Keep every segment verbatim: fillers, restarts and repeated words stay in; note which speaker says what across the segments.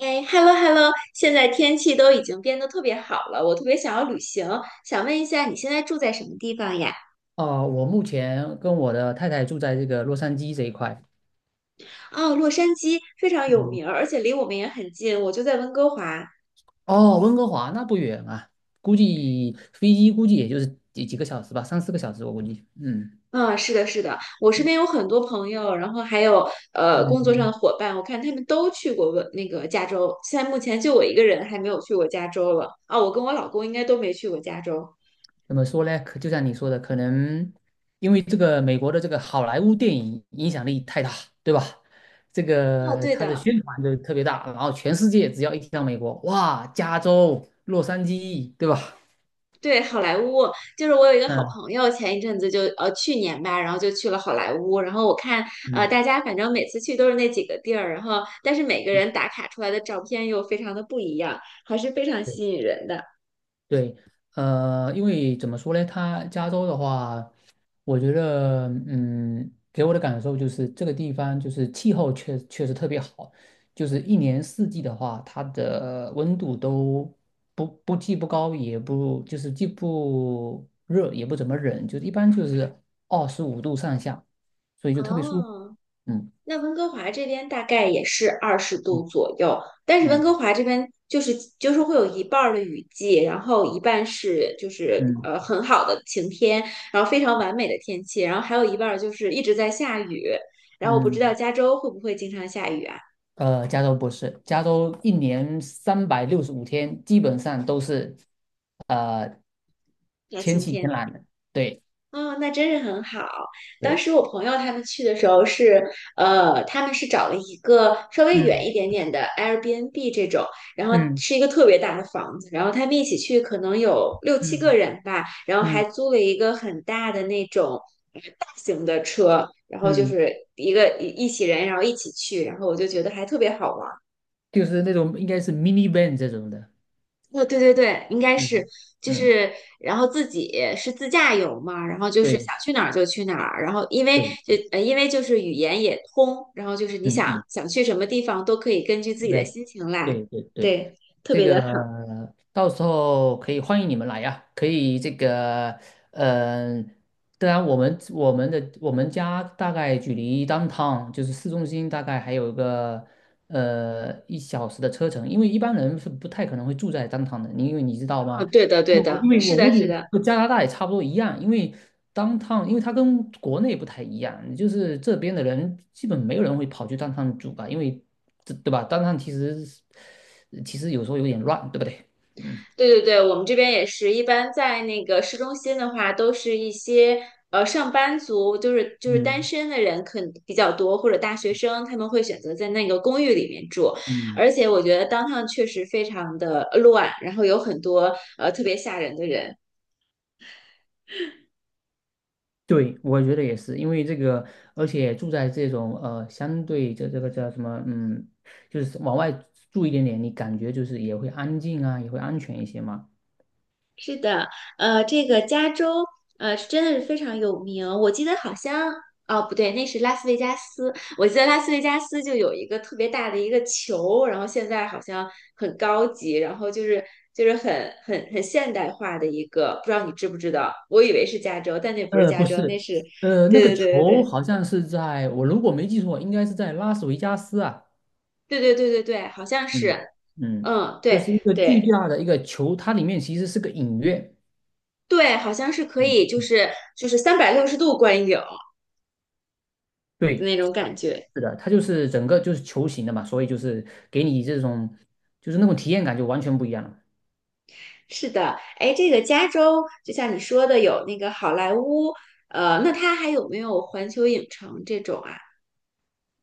Speaker 1: 哎，hello hello，现在天气都已经变得特别好了，我特别想要旅行，想问一下你现在住在什么地方呀？
Speaker 2: 哦，我目前跟我的太太住在这个洛杉矶这一块。
Speaker 1: 哦，洛杉矶非常有
Speaker 2: 嗯。
Speaker 1: 名儿，而且离我们也很近，我就在温哥华。
Speaker 2: 哦，温哥华那不远啊，估计飞机估计也就是几几个小时吧，三四个小时我估计。嗯
Speaker 1: 嗯，是的，是的，我身边有很多朋友，然后还有呃工作上的
Speaker 2: 嗯。
Speaker 1: 伙伴，我看他们都去过温那个加州，现在目前就我一个人还没有去过加州了。啊，我跟我老公应该都没去过加州。
Speaker 2: 怎么说呢？可就像你说的，可能因为这个美国的这个好莱坞电影影响力太大，对吧？这
Speaker 1: 哦，
Speaker 2: 个
Speaker 1: 对
Speaker 2: 它的
Speaker 1: 的，
Speaker 2: 宣传就特别大，然后全世界只要一提到美国，哇，加州、洛杉矶，对吧？
Speaker 1: 对，好莱坞就是我有一个好
Speaker 2: 嗯
Speaker 1: 朋友，前一阵子就呃去年吧，然后就去了好莱坞。然后我看呃
Speaker 2: 嗯。
Speaker 1: 大家反正每次去都是那几个地儿，然后但是每个
Speaker 2: 嗯，
Speaker 1: 人打卡出来的照片又非常的不一样，还是非常
Speaker 2: 对。
Speaker 1: 吸引人的。
Speaker 2: 对，呃，因为怎么说呢，它加州的话，我觉得，嗯，给我的感受就是这个地方就是气候确确实特别好，就是一年四季的话，它的温度都不不既不高也不就是既不热也不怎么冷，就是一般就是二十五度上下，所以就特别舒服。
Speaker 1: 哦，
Speaker 2: 嗯
Speaker 1: 那温哥华这边大概也是二十度
Speaker 2: 嗯
Speaker 1: 左右，但是温
Speaker 2: 嗯
Speaker 1: 哥华这边就是就是会有一半儿的雨季，然后一半是就是
Speaker 2: 嗯
Speaker 1: 呃很好的晴天，然后非常完美的天气，然后还有一半儿就是一直在下雨。然后我不知道
Speaker 2: 嗯。
Speaker 1: 加州会不会经常下雨啊？
Speaker 2: 呃，加州不是，加州一年三百六十五天基本上都是呃
Speaker 1: 要
Speaker 2: 天
Speaker 1: 晴
Speaker 2: 气晴
Speaker 1: 天。
Speaker 2: 朗的，对
Speaker 1: 哦，那真是很好。当
Speaker 2: 对。
Speaker 1: 时我朋友他们去的时候是，呃，他们是找了一个稍微远
Speaker 2: 嗯
Speaker 1: 一点点的 Airbnb 这种，然后
Speaker 2: 嗯
Speaker 1: 是一个特别大的房子，然后他们一起去可能有六七个
Speaker 2: 嗯
Speaker 1: 人吧，然后还
Speaker 2: 嗯
Speaker 1: 租了一个很大的那种呃大型的车，然后就
Speaker 2: 嗯，
Speaker 1: 是一个一一起人，然后一起去，然后我就觉得还特别好玩。
Speaker 2: 就是那种应该是 minivan 这种的。
Speaker 1: 哦，对对对，应该是，
Speaker 2: 嗯
Speaker 1: 就
Speaker 2: 嗯，
Speaker 1: 是，然后自己是自驾游嘛，然后就是
Speaker 2: 对
Speaker 1: 想去哪儿就去哪儿，然后因为
Speaker 2: 对。
Speaker 1: 就呃，因为就是语言也通，然后就是你
Speaker 2: 嗯
Speaker 1: 想
Speaker 2: 嗯，
Speaker 1: 想去什么地方都可以根据自
Speaker 2: 这
Speaker 1: 己的
Speaker 2: 边
Speaker 1: 心情来，
Speaker 2: 对对对。
Speaker 1: 对，特
Speaker 2: 这
Speaker 1: 别的
Speaker 2: 个
Speaker 1: 好。
Speaker 2: 到时候可以欢迎你们来呀，可以这个，嗯、当然我们我们的我们家大概距离 downtown 就是市中心大概还有个呃一小时的车程，因为一般人是不太可能会住在 downtown 的，你因为你知道
Speaker 1: 啊，
Speaker 2: 吗？
Speaker 1: 对的对
Speaker 2: 对，我
Speaker 1: 的，
Speaker 2: 因为
Speaker 1: 是
Speaker 2: 我估
Speaker 1: 的是
Speaker 2: 计
Speaker 1: 的。
Speaker 2: 和加拿大也差不多一样，因为当趟，因为它跟国内不太一样，就是这边的人基本没有人会跑去当趟住吧，因为这对吧？当趟其实是其实有时候有点乱，对不对？嗯
Speaker 1: 对对对，我们这边也是一般在那个市中心的话，都是一些呃上班族，就是就是单
Speaker 2: 嗯
Speaker 1: 身的人可能比较多，或者大学生，他们会选择在那个公寓里面住。
Speaker 2: 嗯，
Speaker 1: 而且我觉得 downtown 确实非常的乱，然后有很多呃特别吓人的人。
Speaker 2: 对，我觉得也是，因为这个，而且住在这种呃相对这这个叫什么，嗯，就是往外住一点点，你感觉就是也会安静啊，也会安全一些嘛。
Speaker 1: 是的，呃，这个加州，呃，是真的是非常有名。我记得好像，哦，不对，那是拉斯维加斯。我记得拉斯维加斯就有一个特别大的一个球，然后现在好像很高级，然后就是就是很很很现代化的一个，不知道你知不知道？我以为是加州，但那不是
Speaker 2: 呃，
Speaker 1: 加
Speaker 2: 不
Speaker 1: 州，那
Speaker 2: 是，
Speaker 1: 是，
Speaker 2: 呃，那个
Speaker 1: 对对对
Speaker 2: 球
Speaker 1: 对
Speaker 2: 好像是在我如果没记错，应该是在拉斯维加斯啊，
Speaker 1: 对对对对对对，好像
Speaker 2: 嗯
Speaker 1: 是，
Speaker 2: 嗯。
Speaker 1: 嗯，
Speaker 2: 就是
Speaker 1: 对
Speaker 2: 一个巨
Speaker 1: 对
Speaker 2: 大的一个球，它里面其实是个影院。
Speaker 1: 对，好像是可
Speaker 2: 嗯
Speaker 1: 以，就
Speaker 2: 嗯，
Speaker 1: 是就是三百六十度观影的
Speaker 2: 对，
Speaker 1: 那
Speaker 2: 是
Speaker 1: 种感
Speaker 2: 的，
Speaker 1: 觉。
Speaker 2: 是的，它就是整个就是球形的嘛，所以就是给你这种就是那种体验感就完全不一样了。
Speaker 1: 是的，哎，这个加州就像你说的有那个好莱坞，呃，那它还有没有环球影城这种啊？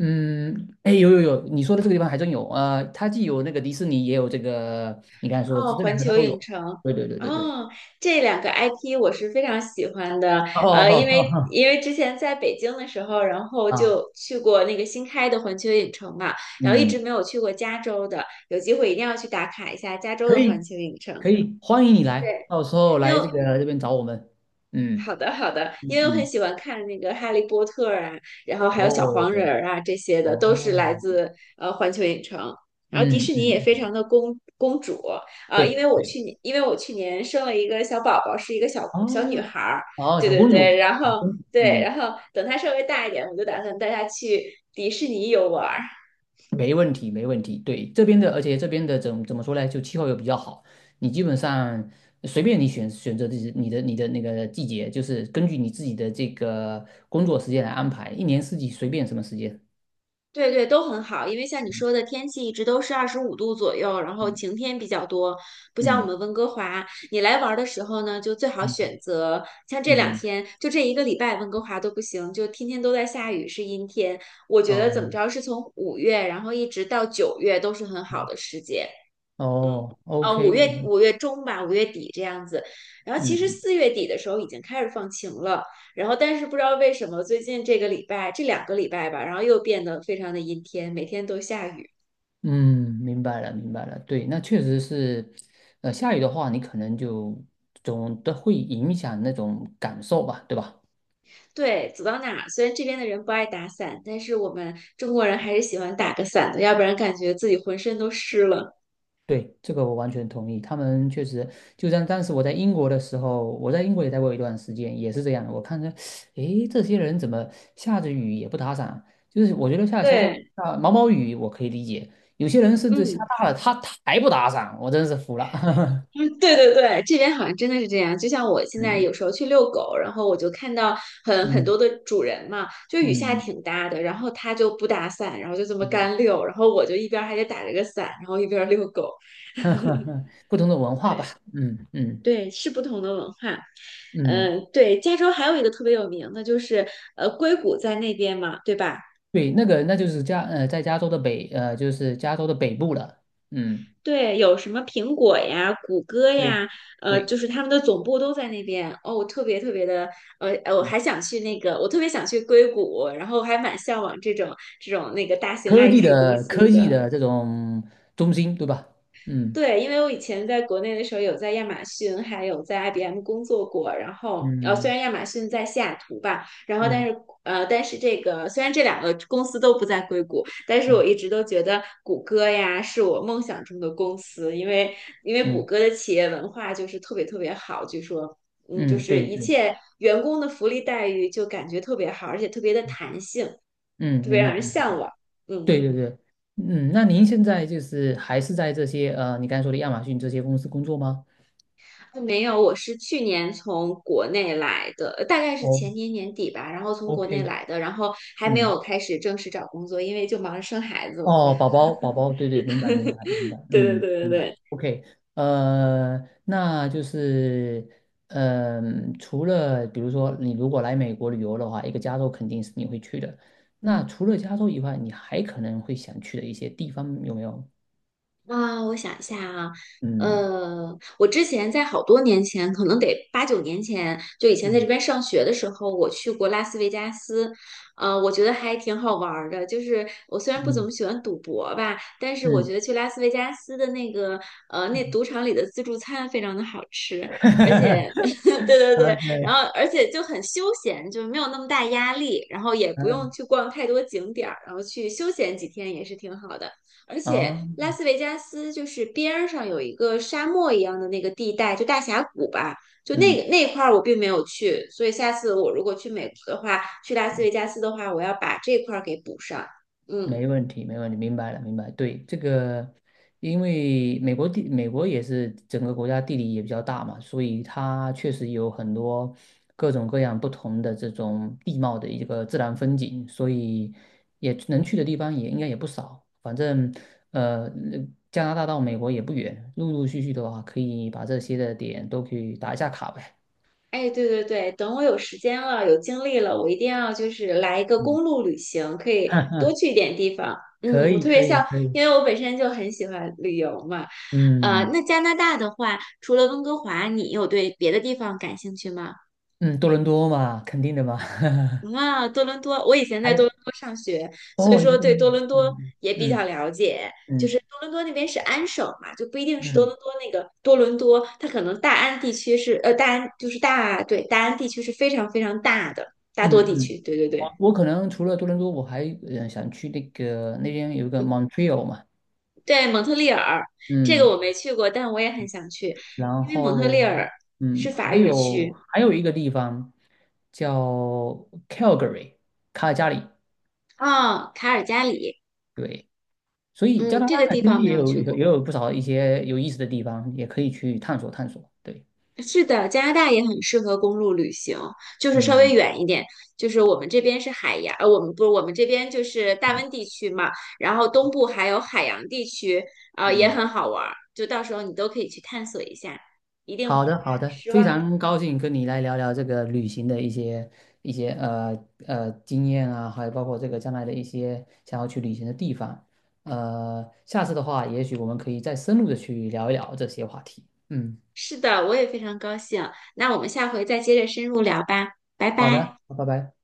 Speaker 2: 嗯，哎，有有有，你说的这个地方还真有，呃，它既有那个迪士尼，也有这个，你刚才说这
Speaker 1: 哦，
Speaker 2: 这
Speaker 1: 环
Speaker 2: 两个它
Speaker 1: 球
Speaker 2: 都
Speaker 1: 影
Speaker 2: 有。
Speaker 1: 城，
Speaker 2: 对对对对对。
Speaker 1: 哦，这两个 I P 我是非常喜欢的，
Speaker 2: 哦
Speaker 1: 呃，因
Speaker 2: 哦哦
Speaker 1: 为
Speaker 2: 哦，
Speaker 1: 因为之前在北京的时候，然后
Speaker 2: 哦啊，
Speaker 1: 就去过那个新开的环球影城嘛，然后一
Speaker 2: 嗯，
Speaker 1: 直没有去过加州的，有机会一定要去打卡一下加州
Speaker 2: 可
Speaker 1: 的环
Speaker 2: 以
Speaker 1: 球影城。
Speaker 2: 可以，欢迎你来，
Speaker 1: 对，
Speaker 2: 到时候
Speaker 1: 因
Speaker 2: 来
Speaker 1: 为
Speaker 2: 这个这边找我们。
Speaker 1: 好
Speaker 2: 嗯
Speaker 1: 的，好的，因
Speaker 2: 嗯
Speaker 1: 为我很
Speaker 2: 嗯，
Speaker 1: 喜欢看那个《哈利波特》啊，然后还有小
Speaker 2: 哦
Speaker 1: 黄人儿啊，这些的都是来
Speaker 2: 哦，
Speaker 1: 自呃环球影城。然后迪
Speaker 2: 嗯
Speaker 1: 士尼
Speaker 2: 嗯，
Speaker 1: 也非
Speaker 2: 嗯
Speaker 1: 常的公公主啊，因
Speaker 2: 对
Speaker 1: 为我
Speaker 2: 对，
Speaker 1: 去年因为我去年生了一个小宝宝，是一个小小女
Speaker 2: 哦
Speaker 1: 孩儿，
Speaker 2: 哦，
Speaker 1: 对
Speaker 2: 小
Speaker 1: 对
Speaker 2: 公
Speaker 1: 对，
Speaker 2: 主，
Speaker 1: 然
Speaker 2: 小
Speaker 1: 后
Speaker 2: 公主，
Speaker 1: 对，
Speaker 2: 嗯，
Speaker 1: 然后等她稍微大一点，我就打算带她去迪士尼游玩儿。
Speaker 2: 没问题没问题。对，这边的，而且这边的怎怎么说呢？就气候又比较好，你基本上随便你选选择自己你的你的那个季节，就是根据你自己的这个工作时间来安排，一年四季随便什么时间。
Speaker 1: 对对，都很好，因为像你说的，天气一直都是二十五度左右，然后
Speaker 2: 嗯
Speaker 1: 晴天比较多，不像我们
Speaker 2: 嗯
Speaker 1: 温哥华。你来玩儿的时候呢，就最好选
Speaker 2: 嗯
Speaker 1: 择像这两
Speaker 2: 嗯，
Speaker 1: 天，就这一个礼拜，温哥华都不行，就天天都在下雨，是阴天。我觉得
Speaker 2: 哦。
Speaker 1: 怎么着，是从五月，然后一直到九月都是很好
Speaker 2: 嗯
Speaker 1: 的时节。
Speaker 2: 哦
Speaker 1: 呃，五
Speaker 2: ，OK，
Speaker 1: 月五月中吧，五月底这样子。然后其实
Speaker 2: 嗯
Speaker 1: 四月底的时候已经开始放晴了，然后但是不知道为什么最近这个礼拜这两个礼拜吧，然后又变得非常的阴天，每天都下雨。
Speaker 2: 嗯，明白了，明白了。对，那确实是，呃，下雨的话，你可能就总的会影响那种感受吧，对吧？
Speaker 1: 对，走到哪儿虽然这边的人不爱打伞，但是我们中国人还是喜欢打个伞的，要不然感觉自己浑身都湿了。
Speaker 2: 对，这个我完全同意。他们确实，就像当时我在英国的时候，我在英国也待过一段时间，也是这样的。我看着，诶，这些人怎么下着雨也不打伞？就是我觉得下小小
Speaker 1: 对，
Speaker 2: 啊毛毛雨我可以理解，有些人甚至下
Speaker 1: 嗯。
Speaker 2: 大了，他他还不打伞，我真是服了。
Speaker 1: 嗯，对对对，这边好像真的是这样。就像我现在
Speaker 2: 嗯
Speaker 1: 有时候去遛狗，然后我就看到很很
Speaker 2: 嗯
Speaker 1: 多的主人嘛，就雨下
Speaker 2: 嗯
Speaker 1: 挺大的，然后他就不打伞，然后就这么
Speaker 2: 嗯。
Speaker 1: 干遛，然后我就一边儿还得打着个伞，然后一边儿遛狗。
Speaker 2: 不同的文化吧，
Speaker 1: 对
Speaker 2: 嗯嗯
Speaker 1: 对，是不同的文化。
Speaker 2: 嗯，
Speaker 1: 嗯，对，加州还有一个特别有名的就是呃硅谷在那边嘛，对吧？
Speaker 2: 对，那个那就是加呃，在加州的北呃，就是加州的北部了，嗯，
Speaker 1: 对，有什么苹果呀、谷歌
Speaker 2: 对
Speaker 1: 呀，呃，
Speaker 2: 对，
Speaker 1: 就是他们的总部都在那边。哦，我特别特别的，呃，呃我
Speaker 2: 嗯
Speaker 1: 还想去那个，我特别想去硅谷，然后还蛮向往这种这种那个大型
Speaker 2: 科技
Speaker 1: I T 公
Speaker 2: 的科
Speaker 1: 司
Speaker 2: 技
Speaker 1: 的。
Speaker 2: 的这种中心，对吧？嗯
Speaker 1: 对，因为我以前在国内的时候有在亚马逊，还有在 I B M 工作过。然后，呃，虽
Speaker 2: 嗯
Speaker 1: 然亚马逊在西雅图吧，然后但
Speaker 2: 嗯
Speaker 1: 是，呃，但是这个虽然这两个公司都不在硅谷，但是我
Speaker 2: 嗯
Speaker 1: 一直都觉得谷歌呀是我梦想中的公司，因为因为谷
Speaker 2: 嗯
Speaker 1: 歌的企业文化就是特别特别好，据说，嗯，就
Speaker 2: 嗯，
Speaker 1: 是
Speaker 2: 对
Speaker 1: 一
Speaker 2: 对，
Speaker 1: 切员工的福利待遇就感觉特别好，而且特别的弹性，
Speaker 2: 嗯，
Speaker 1: 特别
Speaker 2: 明
Speaker 1: 让
Speaker 2: 白
Speaker 1: 人
Speaker 2: 明白，
Speaker 1: 向往。嗯。
Speaker 2: 对对对，嗯，那您现在就是还是在这些呃，你刚才说的亚马逊这些公司工作吗？
Speaker 1: 呃没有，我是去年从国内来的，呃大概是
Speaker 2: 哦
Speaker 1: 前年年底吧，然后从国内
Speaker 2: ，OK，
Speaker 1: 来的，然后还没
Speaker 2: 嗯。
Speaker 1: 有开始正式找工作，因为就忙着生孩子了
Speaker 2: 哦，宝宝，宝宝，对对，明白，明白，明 白，
Speaker 1: 对对
Speaker 2: 嗯，
Speaker 1: 对对
Speaker 2: 明白。
Speaker 1: 对。
Speaker 2: OK，呃，那就是，嗯、除了比如说你如果来美国旅游的话，一个加州肯定是你会去的。那除了加州以外，你还可能会想去的一些地方有没有？
Speaker 1: 啊，我想一下啊，
Speaker 2: 嗯
Speaker 1: 呃，我之前在好多年前，可能得八九年前，就以前在这
Speaker 2: 嗯
Speaker 1: 边上学的时候，我去过拉斯维加斯，呃，我觉得还挺好玩儿的。就是我虽然不怎
Speaker 2: 嗯
Speaker 1: 么喜欢赌博吧，但是我觉
Speaker 2: 嗯
Speaker 1: 得去拉斯维加斯的那个，呃，那
Speaker 2: 嗯
Speaker 1: 赌场里的自助餐非常的好吃，而且，对对对，然
Speaker 2: ，OK，
Speaker 1: 后而且就很休闲，就没有那么大压力，然后也不用
Speaker 2: 嗯
Speaker 1: 去逛太多景点儿，然后去休闲几天也是挺好的。而且
Speaker 2: 啊，
Speaker 1: 拉斯维加斯就是边儿上有一个沙漠一样的那个地带，就大峡谷吧，就那
Speaker 2: 嗯。
Speaker 1: 个那块儿我并没有去，所以下次我如果去美国的话，去拉斯维加斯的话，我要把这块儿给补上。嗯，
Speaker 2: 没问题，没问题，明白了，明白。对，这个，因为美国地，美国也是整个国家地理也比较大嘛，所以它确实有很多各种各样不同的这种地貌的一个自然风景，所以也能去的地方也应该也不少。反正，呃，加拿大到美国也不远，陆陆续续的话，可以把这些的点都可以打一下卡呗。
Speaker 1: 哎，对对对，等我有时间了，有精力了，我一定要就是来一个
Speaker 2: 嗯，
Speaker 1: 公路旅行，可 以
Speaker 2: 哈
Speaker 1: 多
Speaker 2: 哈，
Speaker 1: 去一点地方。
Speaker 2: 可
Speaker 1: 嗯，我
Speaker 2: 以，
Speaker 1: 特别
Speaker 2: 可以，
Speaker 1: 像，
Speaker 2: 可
Speaker 1: 因
Speaker 2: 以。
Speaker 1: 为我本身就很喜欢旅游嘛。呃，
Speaker 2: 嗯
Speaker 1: 那加拿大的话，除了温哥华，你有对别的地方感兴趣吗？
Speaker 2: 嗯，多伦多嘛，肯定的嘛。
Speaker 1: 啊，多伦多，我以前在
Speaker 2: 还
Speaker 1: 多
Speaker 2: 有。
Speaker 1: 伦多上学，所以
Speaker 2: 哦，你在
Speaker 1: 说
Speaker 2: 多
Speaker 1: 对
Speaker 2: 伦
Speaker 1: 多
Speaker 2: 多，
Speaker 1: 伦多
Speaker 2: 嗯
Speaker 1: 也比较
Speaker 2: 嗯
Speaker 1: 了解。就是
Speaker 2: 嗯
Speaker 1: 多伦多那边是安省嘛，就不一定是多
Speaker 2: 嗯
Speaker 1: 伦多那个多伦多，它可能大安地区是呃大安就是大对大安地区是非常非常大的大
Speaker 2: 嗯
Speaker 1: 多地
Speaker 2: 嗯嗯，
Speaker 1: 区，对对对，
Speaker 2: 我我可能除了多伦多，我还呃想去那个那边有一个
Speaker 1: 嗯，
Speaker 2: Montreal 嘛，
Speaker 1: 对，蒙特利尔这个我
Speaker 2: 嗯，
Speaker 1: 没去过，但我也很想去，
Speaker 2: 然
Speaker 1: 因为蒙特利
Speaker 2: 后
Speaker 1: 尔是
Speaker 2: 嗯，
Speaker 1: 法
Speaker 2: 还
Speaker 1: 语
Speaker 2: 有
Speaker 1: 区
Speaker 2: 还有一个地方叫 Calgary 卡尔加里，
Speaker 1: 啊，卡尔加里，
Speaker 2: 对，所以加
Speaker 1: 嗯，
Speaker 2: 拿
Speaker 1: 这个
Speaker 2: 大
Speaker 1: 地
Speaker 2: 其实
Speaker 1: 方没
Speaker 2: 也
Speaker 1: 有
Speaker 2: 有
Speaker 1: 去
Speaker 2: 也
Speaker 1: 过。
Speaker 2: 有不少一些有意思的地方，也可以去探索探索，对，
Speaker 1: 是的，加拿大也很适合公路旅行，就是稍微
Speaker 2: 嗯
Speaker 1: 远一点。就是我们这边是海洋，呃，我们不是我们这边就是大温
Speaker 2: 嗯
Speaker 1: 地区嘛，然后东部还有海洋地区，啊，也
Speaker 2: 嗯。
Speaker 1: 很好玩儿。就到时候你都可以去探索一下，一定不会
Speaker 2: 好的，好
Speaker 1: 让你
Speaker 2: 的，
Speaker 1: 失
Speaker 2: 非
Speaker 1: 望的。
Speaker 2: 常高兴跟你来聊聊这个旅行的一些一些呃呃经验啊，还有包括这个将来的一些想要去旅行的地方。呃，下次的话，也许我们可以再深入的去聊一聊这些话题。嗯，
Speaker 1: 是的，我也非常高兴。那我们下回再接着深入聊吧，拜
Speaker 2: 好
Speaker 1: 拜。
Speaker 2: 的，拜拜。